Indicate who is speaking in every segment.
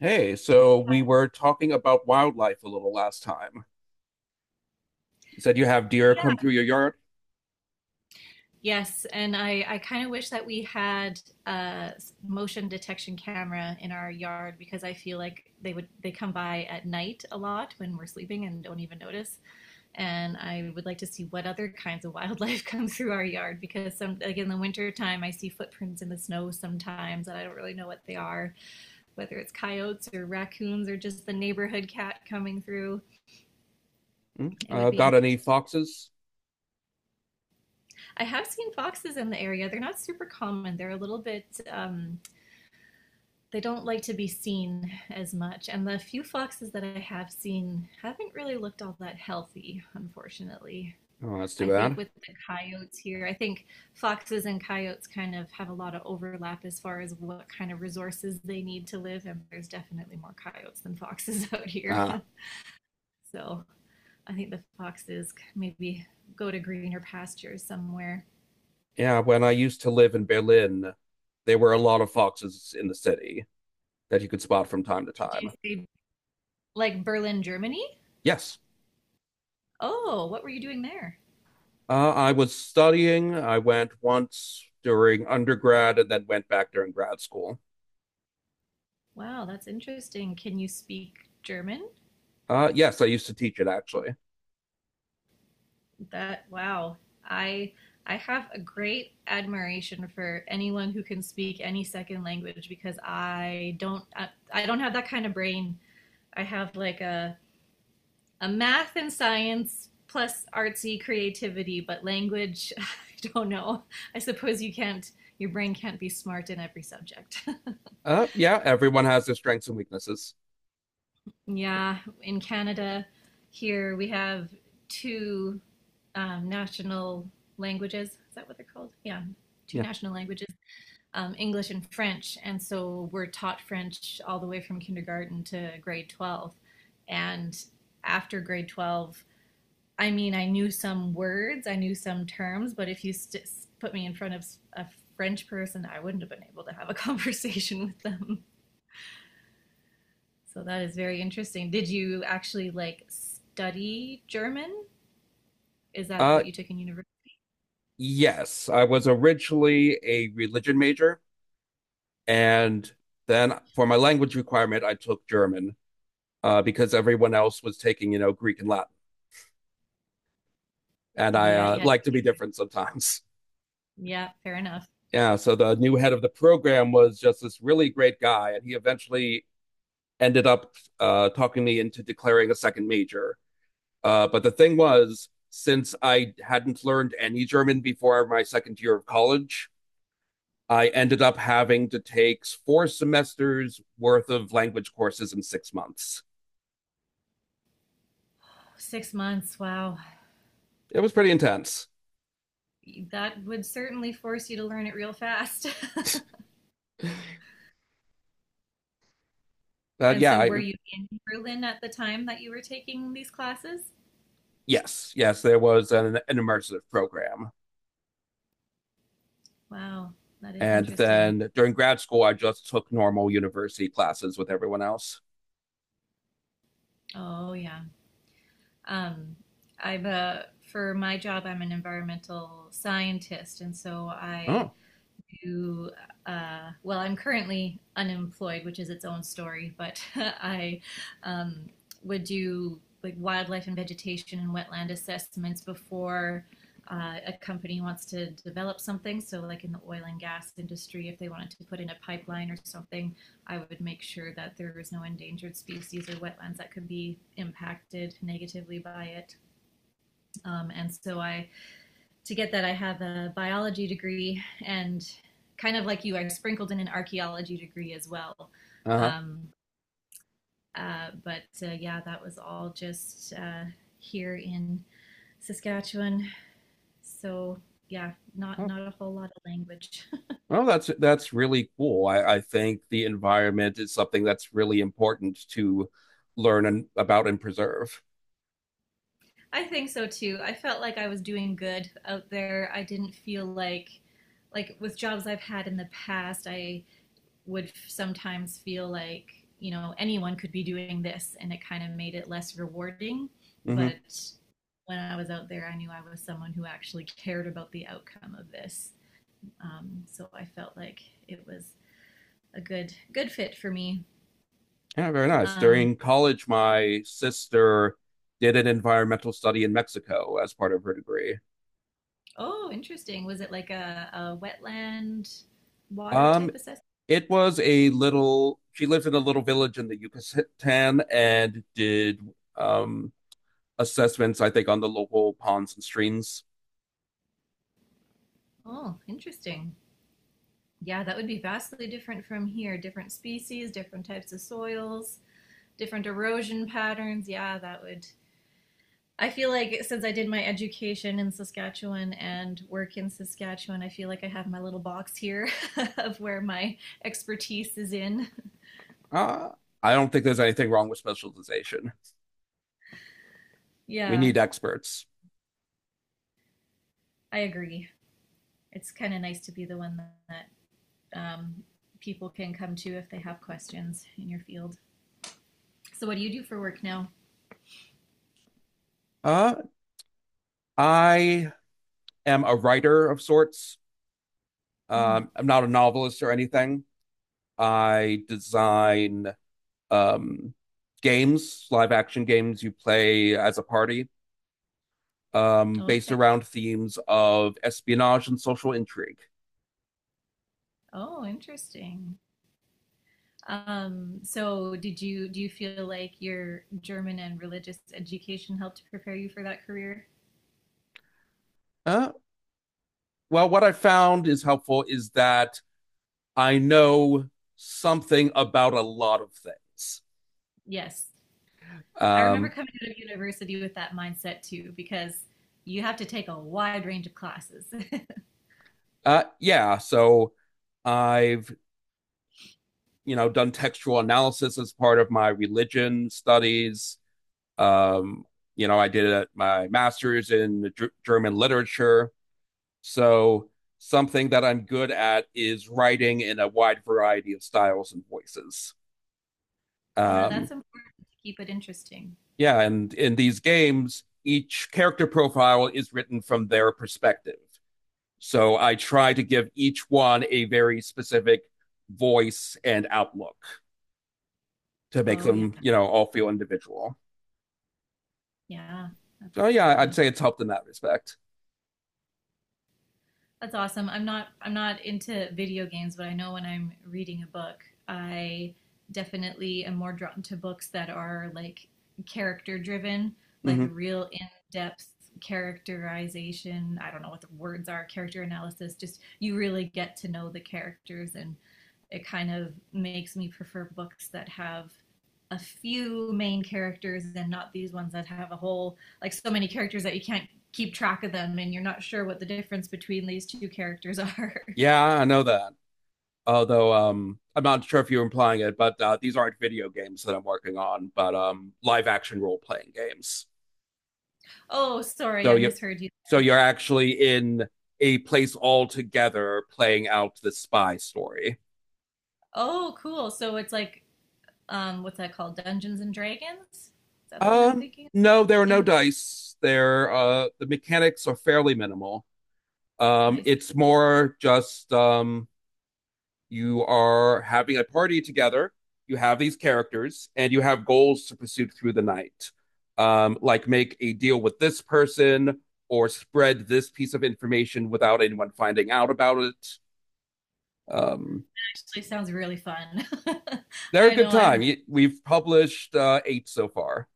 Speaker 1: Hey, so we were talking about wildlife a little last time. You said you have deer come
Speaker 2: Yeah.
Speaker 1: through your yard.
Speaker 2: Yes, and I kind of wish that we had a motion detection camera in our yard because I feel like they come by at night a lot when we're sleeping and don't even notice. And I would like to see what other kinds of wildlife come through our yard because some like in the winter time I see footprints in the snow sometimes and I don't really know what they are, whether it's coyotes or raccoons or just the neighborhood cat coming through.
Speaker 1: Hmm?
Speaker 2: It would be
Speaker 1: Got any
Speaker 2: interesting.
Speaker 1: foxes?
Speaker 2: I have seen foxes in the area. They're not super common. They're a little bit um, they don't like to be seen as much. And the few foxes that I have seen haven't really looked all that healthy, unfortunately.
Speaker 1: Oh, that's too
Speaker 2: I think
Speaker 1: bad.
Speaker 2: with the coyotes here, I think foxes and coyotes kind of have a lot of overlap as far as what kind of resources they need to live. And there's definitely more coyotes than foxes out here.
Speaker 1: Ah,
Speaker 2: So I think the foxes maybe go to greener pastures somewhere.
Speaker 1: yeah, when I used to live in Berlin, there were a lot of foxes in the city that you could spot from time to
Speaker 2: Did
Speaker 1: time.
Speaker 2: you say like Berlin, Germany?
Speaker 1: Yes.
Speaker 2: Oh, what were you doing there?
Speaker 1: I was studying. I went once during undergrad and then went back during grad school.
Speaker 2: Wow, that's interesting. Can you speak German?
Speaker 1: Yes, I used to teach it actually.
Speaker 2: That wow. I I have a great admiration for anyone who can speak any second language because I don't have that kind of brain. I have like a math and science plus artsy creativity, but language, I don't know. I suppose your brain can't be smart in every subject.
Speaker 1: Yeah, everyone has their strengths and weaknesses.
Speaker 2: Yeah, in Canada, here we have two national languages. Is that what they're called? Yeah, two
Speaker 1: Yeah.
Speaker 2: national languages, English and French. And so we're taught French all the way from kindergarten to grade 12. And after grade 12, I mean, I knew some words, I knew some terms, but if you st- put me in front of a French person, I wouldn't have been able to have a conversation with them. So that is very interesting. Did you actually like study German? Is that
Speaker 1: Uh,
Speaker 2: what you took in university?
Speaker 1: Yes, I was originally a religion major, and then for my language requirement, I took German because everyone else was taking, you know, Greek and Latin, and I
Speaker 2: Yeah, yeah,
Speaker 1: like to be different sometimes.
Speaker 2: yeah, fair enough.
Speaker 1: Yeah, so the new head of the program was just this really great guy, and he eventually ended up talking me into declaring a second major. But the thing was, since I hadn't learned any German before my second year of college, I ended up having to take four semesters worth of language courses in 6 months.
Speaker 2: 6 months, wow.
Speaker 1: It was pretty intense.
Speaker 2: That would certainly force you to learn it real fast.
Speaker 1: But
Speaker 2: And so were you in Berlin at the time that you were taking these classes?
Speaker 1: yes, yes, there was an immersive program.
Speaker 2: Wow, that is
Speaker 1: And
Speaker 2: interesting.
Speaker 1: then during grad school, I just took normal university classes with everyone else.
Speaker 2: Oh, yeah. Um, I've for my job, I'm an environmental scientist, and so
Speaker 1: Oh,
Speaker 2: to, well, I'm currently unemployed, which is its own story, but I um, would do like wildlife and vegetation and wetland assessments before a company wants to develop something. So, like in the oil and gas industry, if they wanted to put in a pipeline or something, I would make sure that there was no endangered species or wetlands that could be impacted negatively by it. And so, I to get that, I have a biology degree, and kind of like you, I sprinkled in an archaeology degree as well.
Speaker 1: uh
Speaker 2: Um, but yeah, that was all just here in Saskatchewan. So yeah, not
Speaker 1: huh.
Speaker 2: not a whole lot of language.
Speaker 1: Well, that's really cool. I think the environment is something that's really important to learn and, about and preserve.
Speaker 2: I think so too. I felt like I was doing good out there. I didn't feel like with jobs I've had in the past, I would sometimes feel like you know anyone could be doing this and it kind of made it less rewarding but
Speaker 1: Hmm.
Speaker 2: when I was out there I knew I was someone who actually cared about the outcome of this, so I felt like it was a good fit for me.
Speaker 1: Yeah, very nice.
Speaker 2: um,
Speaker 1: During college, my sister did an environmental study in Mexico as part of her degree.
Speaker 2: oh, interesting, was it like a wetland water
Speaker 1: Um,
Speaker 2: type assessment?
Speaker 1: it was a little, she lives in a little village in the Yucatan and did um, assessments, I think, on the local ponds and streams.
Speaker 2: Oh, interesting, yeah, that would be vastly different from here, different species, different types of soils, different erosion patterns, yeah, that would. I feel like since I did my education in Saskatchewan and work in Saskatchewan, I feel like I have my little box here of where my expertise is in.
Speaker 1: Uh, I don't think there's anything wrong with specialization. We
Speaker 2: Yeah,
Speaker 1: need experts.
Speaker 2: I agree. It's kind of nice to be the one that, um, people can come to if they have questions in your field. So, what do you do for work now?
Speaker 1: Uh, I am a writer of sorts.
Speaker 2: Mm.
Speaker 1: I'm not a novelist or anything. I design um, games, live action games you play as a party,
Speaker 2: Oh,
Speaker 1: based
Speaker 2: okay.
Speaker 1: around themes of espionage and social intrigue.
Speaker 2: Oh, interesting. So, did you do you feel like your German and religious education helped prepare you for that career?
Speaker 1: Uh, well, what I found is helpful is that I know something about a lot of things.
Speaker 2: Yes. I remember
Speaker 1: Um,
Speaker 2: coming out of university with that mindset too, because you have to take a wide range of classes.
Speaker 1: yeah, so I've, you know, done textual analysis as part of my religion studies. Um, you know, I did my master's in German literature. So something that I'm good at is writing in a wide variety of styles and voices.
Speaker 2: Yeah,
Speaker 1: Um,
Speaker 2: that's important to keep it interesting.
Speaker 1: yeah, and in these games, each character profile is written from their perspective. So I try to give each one a very specific voice and outlook to make
Speaker 2: Oh yeah,
Speaker 1: them, you know, all feel individual.
Speaker 2: yeah, that's
Speaker 1: So yeah,
Speaker 2: yeah.
Speaker 1: I'd say it's helped in that respect.
Speaker 2: That's awesome. I'm not into video games, but I know when I'm reading a book, I definitely am more drawn to books that are like character driven, like
Speaker 1: Mm-hmm.
Speaker 2: real in-depth characterization. I don't know what the words are, character analysis. Just you really get to know the characters, and it kind of makes me prefer books that have a few main characters and not these ones that have a whole like so many characters that you can't keep track of them and you're not sure what the difference between these two characters are.
Speaker 1: Yeah, I know that, although I'm not sure if you're implying it, but these aren't video games that I'm working on, but live action role playing games.
Speaker 2: Oh, sorry,
Speaker 1: So
Speaker 2: I
Speaker 1: you,
Speaker 2: misheard you.
Speaker 1: so you're actually in a place all together playing out the spy story.
Speaker 2: Oh, cool. So it's like what's that called? Dungeons and Dragons? Is that the one I'm thinking of?
Speaker 1: No, there are no
Speaker 2: In
Speaker 1: dice. There, the mechanics are fairly minimal.
Speaker 2: I see.
Speaker 1: It's more just you are having a party together. You have these characters and you have goals to pursue through the night, like make a deal with this person or spread this piece of information without anyone finding out about it. Um,
Speaker 2: Actually sounds really fun.
Speaker 1: they're a
Speaker 2: I
Speaker 1: good
Speaker 2: know
Speaker 1: time.
Speaker 2: I've.
Speaker 1: We've published eight so far.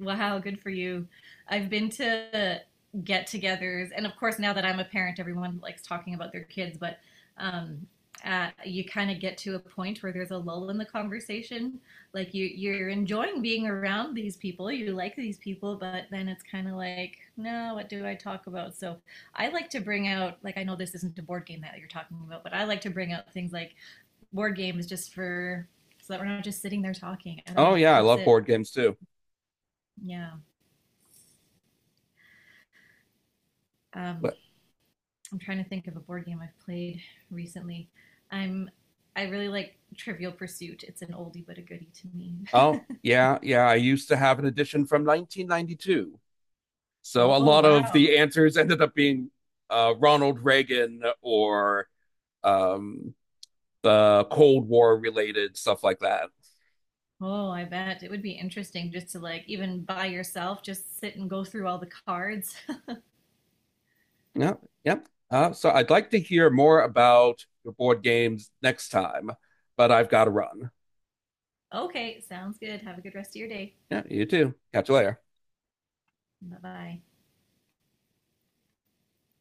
Speaker 2: Wow, good for you. I've been to get togethers, and of course, now that I'm a parent, everyone likes talking about their kids, but um, you kind of get to a point where there's a lull in the conversation. Like you're enjoying being around these people, you like these people, but then it's kind of like, no, what do I talk about? So I like to bring out, like, I know this isn't a board game that you're talking about, but I like to bring out things like board games just for so that we're not just sitting there talking. I don't
Speaker 1: Oh,
Speaker 2: know, it
Speaker 1: yeah, I
Speaker 2: keeps
Speaker 1: love
Speaker 2: it,
Speaker 1: board games too.
Speaker 2: yeah. Um,
Speaker 1: But,
Speaker 2: I'm trying to think of a board game I've played recently. I'm I really like Trivial Pursuit. It's an oldie but a goodie to me.
Speaker 1: oh, yeah, yeah, I used to have an edition from 1992. So a
Speaker 2: Oh
Speaker 1: lot of
Speaker 2: wow.
Speaker 1: the answers ended up being Ronald Reagan or um, the Cold War, related stuff like that.
Speaker 2: Oh, I bet it would be interesting just to like even by yourself just sit and go through all the cards.
Speaker 1: Yep, yep. Yeah. So I'd like to hear more about your board games next time, but I've got to run.
Speaker 2: Okay, sounds good. Have a good rest of your day.
Speaker 1: Yeah, you too. Catch you later.
Speaker 2: Bye-bye.